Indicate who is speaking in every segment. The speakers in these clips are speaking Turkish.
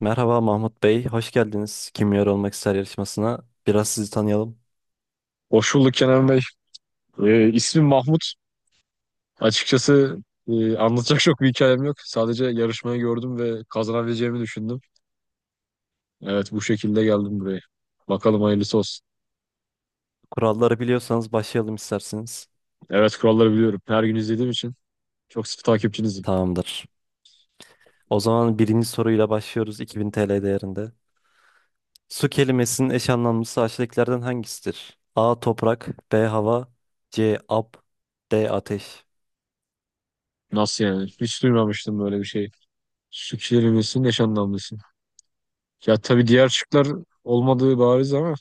Speaker 1: Merhaba Mahmut Bey, hoş geldiniz Kimyar Olmak İster yarışmasına. Biraz sizi tanıyalım.
Speaker 2: Hoş bulduk Kenan Bey. İsmim Mahmut. Açıkçası anlatacak çok bir hikayem yok. Sadece yarışmayı gördüm ve kazanabileceğimi düşündüm. Evet bu şekilde geldim buraya. Bakalım hayırlısı olsun.
Speaker 1: Kuralları biliyorsanız başlayalım isterseniz.
Speaker 2: Evet kuralları biliyorum. Her gün izlediğim için çok sıkı takipçinizim.
Speaker 1: Tamamdır. O zaman birinci soruyla başlıyoruz 2000 TL değerinde. Su kelimesinin eş anlamlısı aşağıdakilerden hangisidir? A. Toprak B. Hava C. Ab D. Ateş.
Speaker 2: Nasıl yani? Hiç duymamıştım böyle bir şey. Su kelimesinin eş anlamlısı. Ya tabii diğer şıklar olmadığı bariz ama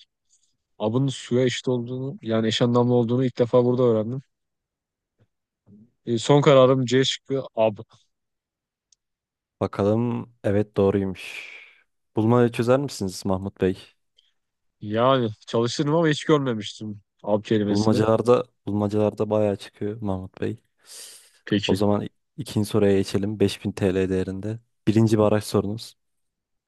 Speaker 2: abın suya eşit olduğunu yani eş anlamlı olduğunu ilk defa burada öğrendim. Son kararım C şıkkı ab.
Speaker 1: Bakalım, evet, doğruymuş. Bulmayı çözer misiniz Mahmut Bey?
Speaker 2: Yani çalışırım ama hiç görmemiştim ab kelimesini.
Speaker 1: Bulmacalarda bayağı çıkıyor Mahmut Bey. O
Speaker 2: Peki.
Speaker 1: zaman ikinci soruya geçelim. 5000 TL değerinde. Birinci baraj sorunuz.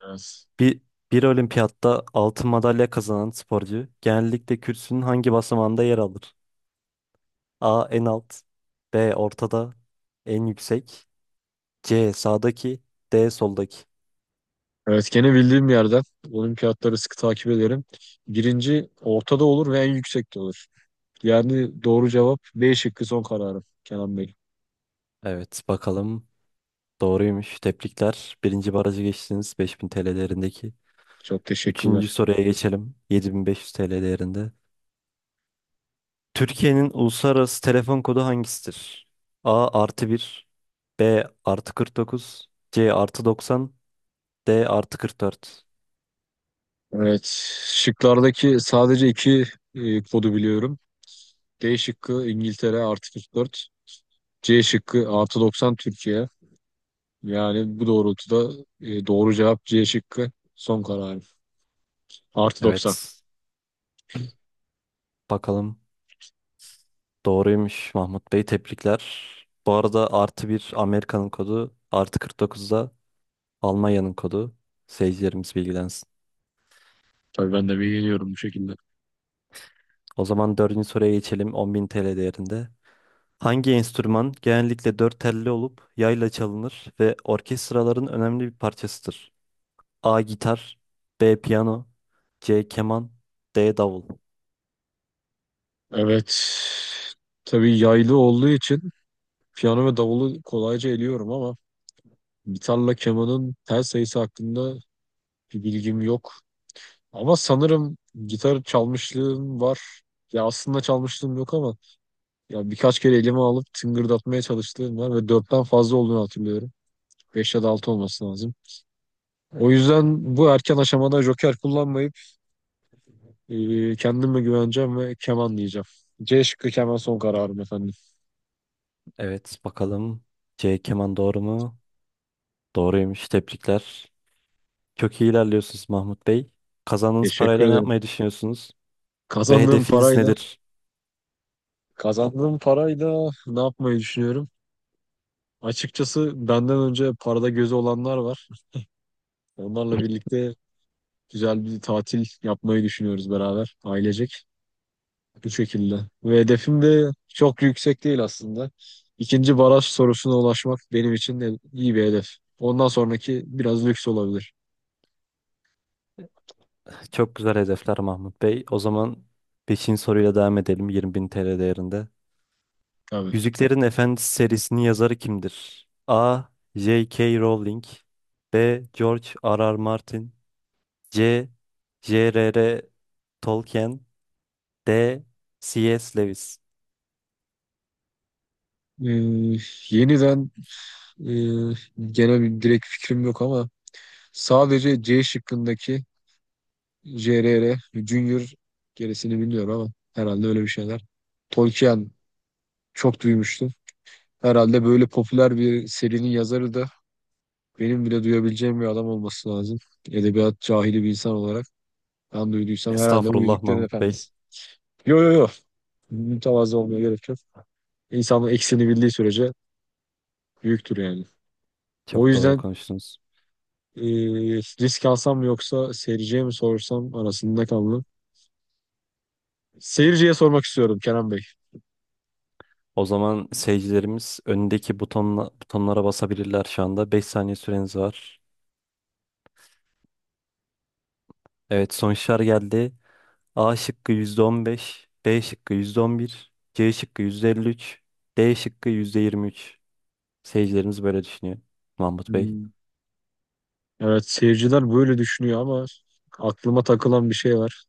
Speaker 2: Evet.
Speaker 1: Bir, bir olimpiyatta altın madalya kazanan sporcu genellikle kürsünün hangi basamağında yer alır? A. En alt B. Ortada En yüksek C. Sağdaki D. Soldaki.
Speaker 2: Evet gene bildiğim bir yerden olimpiyatları sıkı takip ederim. Birinci ortada olur ve en yüksekte olur. Yani doğru cevap B şıkkı son kararım Kenan Bey.
Speaker 1: Evet, bakalım, doğruymuş. Tebrikler. Birinci barajı geçtiniz 5000 TL değerindeki.
Speaker 2: Çok
Speaker 1: Üçüncü
Speaker 2: teşekkürler.
Speaker 1: soruya geçelim. 7500 TL değerinde. Türkiye'nin uluslararası telefon kodu hangisidir? A artı bir, B artı 49, C artı 90, D artı 44.
Speaker 2: Evet şıklardaki sadece iki kodu biliyorum. D şıkkı İngiltere artı 44. C şıkkı artı 90 Türkiye. Yani bu doğrultuda doğru cevap C şıkkı son kararım. Artı 90.
Speaker 1: Evet, bakalım, doğruymuş Mahmut Bey, tebrikler. Bu arada artı bir Amerika'nın kodu, artı 49 da Almanya'nın kodu. Seyircilerimiz bilgilensin.
Speaker 2: Tabii ben de bir geliyorum bu şekilde.
Speaker 1: O zaman dördüncü soruya geçelim 10.000 TL değerinde. Hangi enstrüman genellikle dört telli olup yayla çalınır ve orkestraların önemli bir parçasıdır? A. Gitar B. Piyano C. Keman D. Davul.
Speaker 2: Evet. Tabii yaylı olduğu için piyano ve davulu kolayca eliyorum ama gitarla kemanın tel sayısı hakkında bir bilgim yok. Ama sanırım gitar çalmışlığım var. Ya aslında çalmışlığım yok ama ya birkaç kere elime alıp tıngırdatmaya çalıştığım var ve dörtten fazla olduğunu hatırlıyorum. Beş ya da altı olması lazım. O yüzden bu erken aşamada joker kullanmayıp kendime güveneceğim ve keman diyeceğim. C şıkkı keman son kararım efendim.
Speaker 1: Evet, bakalım, C. Keman doğru mu? Doğruymuş, tebrikler. Çok iyi ilerliyorsunuz Mahmut Bey. Kazandığınız
Speaker 2: Teşekkür
Speaker 1: parayla ne
Speaker 2: ederim.
Speaker 1: yapmayı düşünüyorsunuz? Ve
Speaker 2: Kazandığım
Speaker 1: hedefiniz
Speaker 2: parayla,
Speaker 1: nedir?
Speaker 2: kazandığım parayla ne yapmayı düşünüyorum? Açıkçası benden önce parada gözü olanlar var. Onlarla birlikte güzel bir tatil yapmayı düşünüyoruz beraber ailecek. Bu şekilde. Ve hedefim de çok yüksek değil aslında. İkinci baraj sorusuna ulaşmak benim için de iyi bir hedef. Ondan sonraki biraz lüks olabilir.
Speaker 1: Çok güzel hedefler Mahmut Bey. O zaman 5. soruyla devam edelim 20.000 TL değerinde.
Speaker 2: Tabii.
Speaker 1: Yüzüklerin Efendisi serisinin yazarı kimdir? A. J.K. Rowling B. George R.R. Martin C. J.R.R. Tolkien D. C.S. Lewis.
Speaker 2: Ee, yeniden e, gene bir direkt fikrim yok ama sadece C şıkkındaki JRR, Junior gerisini bilmiyorum ama herhalde öyle bir şeyler. Tolkien çok duymuştum. Herhalde böyle popüler bir serinin yazarı da benim bile duyabileceğim bir adam olması lazım. Edebiyat cahili bir insan olarak ben duyduysam herhalde bu
Speaker 1: Estağfurullah
Speaker 2: Yüzüklerin
Speaker 1: Mahmut Bey.
Speaker 2: Efendisi. Yo yo yo. Mütevazı olmaya gerek yok. İnsanın eksini bildiği sürece büyüktür yani. O
Speaker 1: Çok doğru
Speaker 2: yüzden
Speaker 1: konuştunuz.
Speaker 2: e, risk alsam mı yoksa seyirciye mi sorsam arasında kaldım. Seyirciye sormak istiyorum Kerem Bey.
Speaker 1: O zaman seyircilerimiz önündeki butonlara basabilirler şu anda. 5 saniye süreniz var. Evet, sonuçlar geldi. A şıkkı %15, B şıkkı %11, C şıkkı %53, D şıkkı %23. Seyircilerimiz böyle düşünüyor. Mahmut Bey.
Speaker 2: Hmm, Evet seyirciler böyle düşünüyor ama aklıma takılan bir şey var.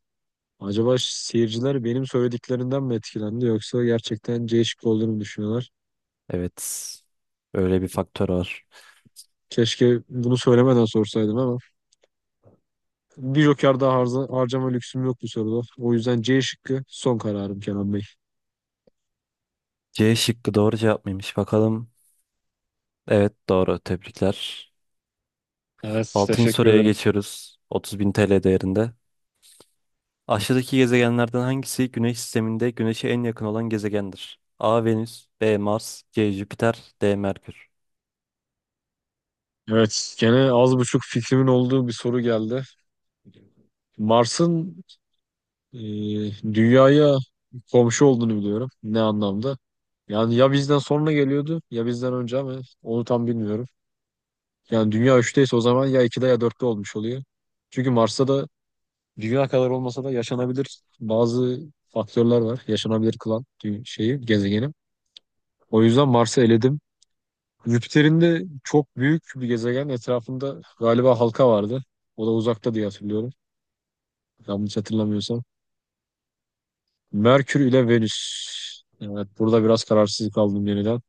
Speaker 2: Acaba seyirciler benim söylediklerinden mi etkilendi yoksa gerçekten C şıkkı olduğunu mu düşünüyorlar?
Speaker 1: Evet. Öyle bir faktör var.
Speaker 2: Keşke bunu söylemeden sorsaydım ama bir joker daha harcama lüksüm yok bu soruda. O yüzden C şıkkı son kararım Kenan Bey.
Speaker 1: C şıkkı doğru cevap mıymış bakalım. Evet, doğru. Tebrikler.
Speaker 2: Evet,
Speaker 1: Altıncı
Speaker 2: teşekkür
Speaker 1: soruya
Speaker 2: ederim.
Speaker 1: geçiyoruz. 30.000 TL değerinde. Aşağıdaki gezegenlerden hangisi Güneş sisteminde Güneş'e en yakın olan gezegendir? A. Venüs B. Mars C. Jüpiter D. Merkür.
Speaker 2: Evet gene az buçuk fikrimin olduğu bir soru geldi. Mars'ın e, dünyaya komşu olduğunu biliyorum. Ne anlamda? Yani ya bizden sonra geliyordu ya bizden önce ama onu tam bilmiyorum. Yani dünya üçteyse o zaman ya 2'de ya dörtte olmuş oluyor. Çünkü Mars'ta da dünya kadar olmasa da yaşanabilir bazı faktörler var. Yaşanabilir kılan şeyi, gezegeni. O yüzden Mars'ı eledim. Jüpiter'in de çok büyük bir gezegen etrafında galiba halka vardı. O da uzakta diye hatırlıyorum. Yanlış hatırlamıyorsam. Merkür ile Venüs. Evet burada biraz kararsız kaldım yeniden.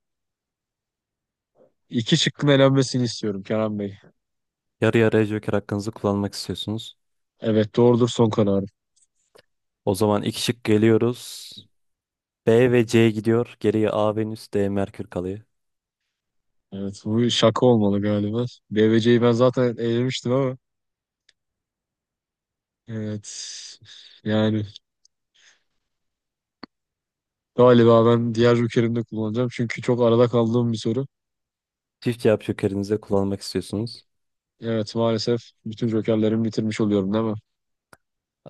Speaker 2: İki şıkkın elenmesini istiyorum Kenan Bey.
Speaker 1: Yarı yarıya joker hakkınızı kullanmak istiyorsunuz.
Speaker 2: Evet doğrudur son karar.
Speaker 1: O zaman iki şık geliyoruz. B ve C gidiyor. Geriye A, Venüs, D, Merkür kalıyor.
Speaker 2: Evet bu şaka olmalı galiba. BVC'yi ben zaten elemiştim ama evet yani galiba ben diğer jokerimi de kullanacağım. Çünkü çok arada kaldığım bir soru.
Speaker 1: Çift cevap jokerinizi de kullanmak istiyorsunuz.
Speaker 2: Evet maalesef bütün jokerlerimi bitirmiş oluyorum değil mi?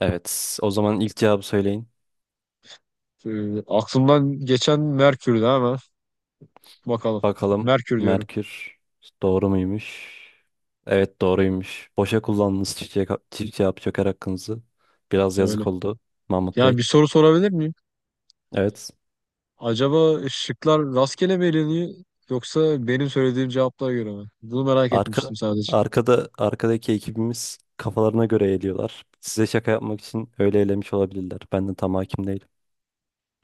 Speaker 1: Evet, o zaman ilk cevabı söyleyin.
Speaker 2: Aklımdan geçen Merkür'dü ama bakalım.
Speaker 1: Bakalım,
Speaker 2: Merkür diyorum
Speaker 1: Merkür doğru muymuş? Evet, doğruymuş. Boşa kullandınız çift cevap joker hakkınızı. Biraz
Speaker 2: öyle.
Speaker 1: yazık oldu Mahmut
Speaker 2: Yani bir
Speaker 1: Bey.
Speaker 2: soru sorabilir miyim?
Speaker 1: Evet.
Speaker 2: Acaba şıklar rastgele mi eleniyor yoksa benim söylediğim cevaplara göre mi? Bunu merak
Speaker 1: Arka,
Speaker 2: etmiştim sadece.
Speaker 1: arkadaki ekibimiz kafalarına göre eğiliyorlar. Size şaka yapmak için öyle elemiş olabilirler. Ben de tam hakim değilim.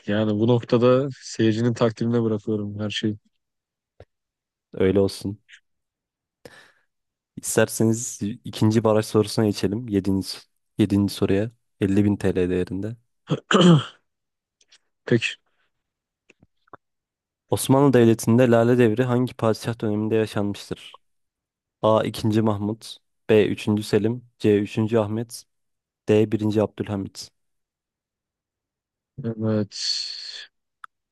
Speaker 2: Yani bu noktada seyircinin takdirine bırakıyorum her şeyi.
Speaker 1: Öyle olsun. İsterseniz ikinci baraj sorusuna geçelim. Yedinci soruya. 50.000 TL değerinde.
Speaker 2: Pek
Speaker 1: Osmanlı Devleti'nde Lale Devri hangi padişah döneminde yaşanmıştır? A. II. Mahmut B. III. Selim C. III. Ahmet D. I. Abdülhamit.
Speaker 2: Evet.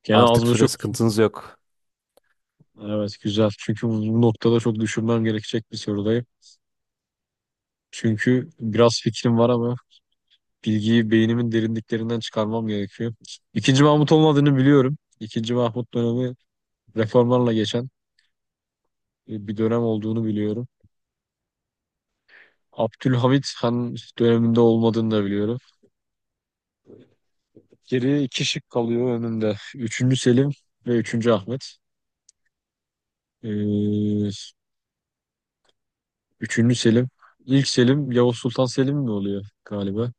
Speaker 2: Gene az
Speaker 1: Artık süre
Speaker 2: buçuk.
Speaker 1: sıkıntınız yok.
Speaker 2: Evet güzel. Çünkü bu noktada çok düşünmem gerekecek bir sorudayım. Çünkü biraz fikrim var ama bilgiyi beynimin derinliklerinden çıkarmam gerekiyor. İkinci Mahmut olmadığını biliyorum. İkinci Mahmut dönemi reformlarla geçen bir dönem olduğunu biliyorum. Abdülhamit Han döneminde olmadığını da biliyorum. Geriye iki şık kalıyor önümde. Üçüncü Selim ve üçüncü Ahmet. Ee, üçüncü Selim. İlk Selim Yavuz Sultan Selim mi oluyor galiba?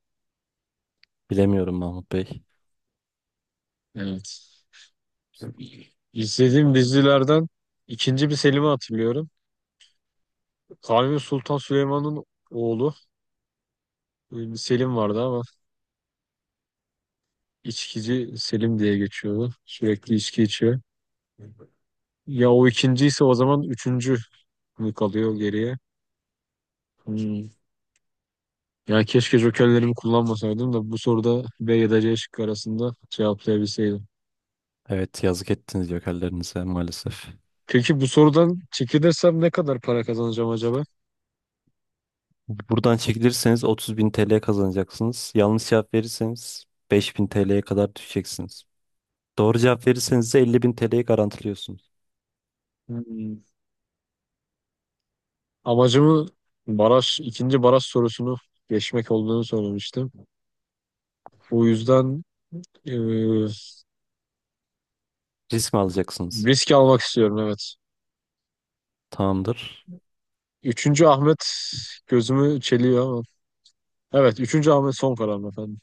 Speaker 1: Bilemiyorum Mahmut Bey.
Speaker 2: Evet. İzlediğim dizilerden ikinci bir Selim'i hatırlıyorum. Kanuni Sultan Süleyman'ın oğlu bir Selim vardı ama içkici Selim diye geçiyordu. Sürekli içki içiyor. Ya o ikinciyse o zaman üçüncü mü kalıyor geriye? Hmm. Ya keşke jokerlerimi kullanmasaydım da bu soruda B ya da C şıkkı arasında cevaplayabilseydim.
Speaker 1: Evet, yazık ettiniz jokerlerinize maalesef.
Speaker 2: Peki bu sorudan çekilirsem ne kadar para kazanacağım acaba?
Speaker 1: Buradan çekilirseniz 30 bin TL kazanacaksınız. Yanlış cevap verirseniz 5000 TL'ye kadar düşeceksiniz. Doğru cevap verirseniz de 50 bin TL'yi garantiliyorsunuz.
Speaker 2: Hmm. Amacımı baraj, ikinci baraj sorusunu geçmek olduğunu söylemiştim. Bu yüzden e,
Speaker 1: Risk mi alacaksınız?
Speaker 2: risk almak istiyorum evet.
Speaker 1: Tamamdır.
Speaker 2: Üçüncü Ahmet gözümü çeliyor ama. Evet, üçüncü Ahmet son kararım efendim.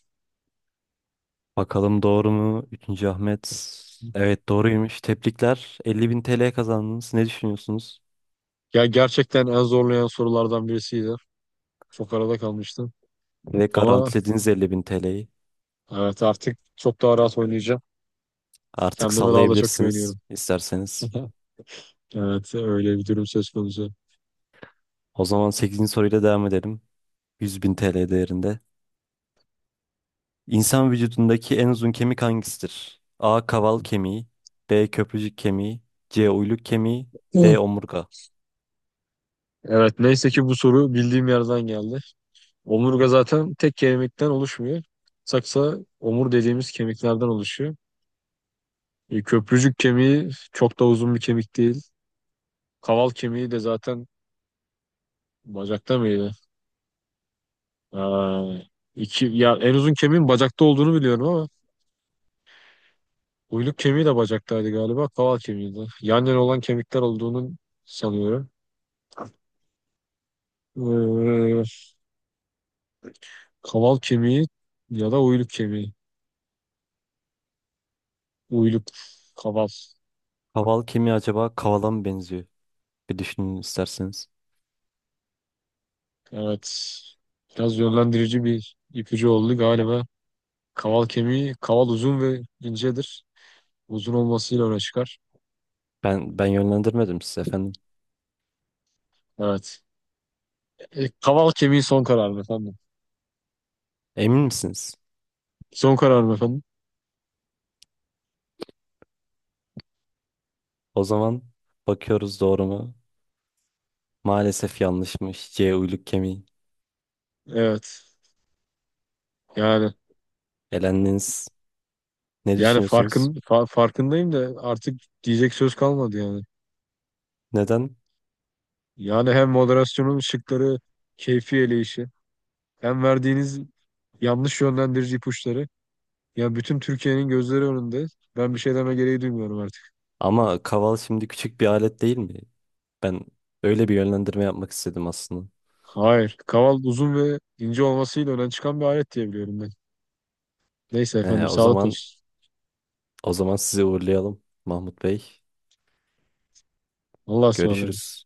Speaker 1: Bakalım doğru mu? Üçüncü Ahmet. Evet, doğruymuş. Tebrikler. 50.000 TL kazandınız. Ne düşünüyorsunuz?
Speaker 2: Ya gerçekten en zorlayan sorulardan birisiydi. Çok arada kalmıştım.
Speaker 1: Ve garantilediğiniz
Speaker 2: Ama
Speaker 1: garantilediniz 50.000 TL'yi.
Speaker 2: evet artık çok daha rahat oynayacağım.
Speaker 1: Artık
Speaker 2: Kendime daha da çok
Speaker 1: sallayabilirsiniz
Speaker 2: güveniyorum.
Speaker 1: isterseniz.
Speaker 2: Evet öyle bir durum söz konusu.
Speaker 1: O zaman sekizinci soruyla devam edelim. 100.000 TL değerinde. İnsan vücudundaki en uzun kemik hangisidir? A. Kaval kemiği. B. Köprücük kemiği. C. Uyluk kemiği.
Speaker 2: Hı.
Speaker 1: D. Omurga.
Speaker 2: Evet neyse ki bu soru bildiğim yerden geldi. Omurga zaten tek kemikten oluşmuyor. Saksa omur dediğimiz kemiklerden oluşuyor. Köprücük kemiği çok da uzun bir kemik değil. Kaval kemiği de zaten bacakta mıydı? Aa, iki, ya en uzun kemiğin bacakta olduğunu biliyorum ama uyluk kemiği de bacaktaydı galiba. Kaval kemiği de. Yan yana olan kemikler olduğunu sanıyorum. Ee, kaval kemiği ya da uyluk kemiği. Uyluk, kaval.
Speaker 1: Kaval kemiği acaba kavala mı benziyor? Bir düşünün isterseniz.
Speaker 2: Evet. Biraz yönlendirici bir ipucu oldu galiba. Kaval kemiği, kaval uzun ve incedir. Uzun olmasıyla öne çıkar.
Speaker 1: Ben yönlendirmedim size efendim.
Speaker 2: Evet. Kaval kemiği son kararım efendim.
Speaker 1: Emin misiniz?
Speaker 2: Son kararım efendim.
Speaker 1: O zaman bakıyoruz, doğru mu? Maalesef yanlışmış. C uyluk kemiği.
Speaker 2: Evet. Yani
Speaker 1: Elendiniz. Ne
Speaker 2: yani
Speaker 1: düşünüyorsunuz?
Speaker 2: farkındayım da artık diyecek söz kalmadı yani.
Speaker 1: Neden?
Speaker 2: Yani hem moderasyonun şıkları, keyfi eleyişi, hem verdiğiniz yanlış yönlendirici ipuçları. Ya bütün Türkiye'nin gözleri önünde. Ben bir şey deme gereği duymuyorum artık.
Speaker 1: Ama kaval şimdi küçük bir alet değil mi? Ben öyle bir yönlendirme yapmak istedim aslında.
Speaker 2: Hayır. Kaval uzun ve ince olmasıyla öne çıkan bir alet diye biliyorum ben. Neyse
Speaker 1: He,
Speaker 2: efendim,
Speaker 1: o
Speaker 2: sağlık
Speaker 1: zaman
Speaker 2: olsun.
Speaker 1: sizi uğurlayalım Mahmut Bey.
Speaker 2: Allah'a ısmarladık.
Speaker 1: Görüşürüz.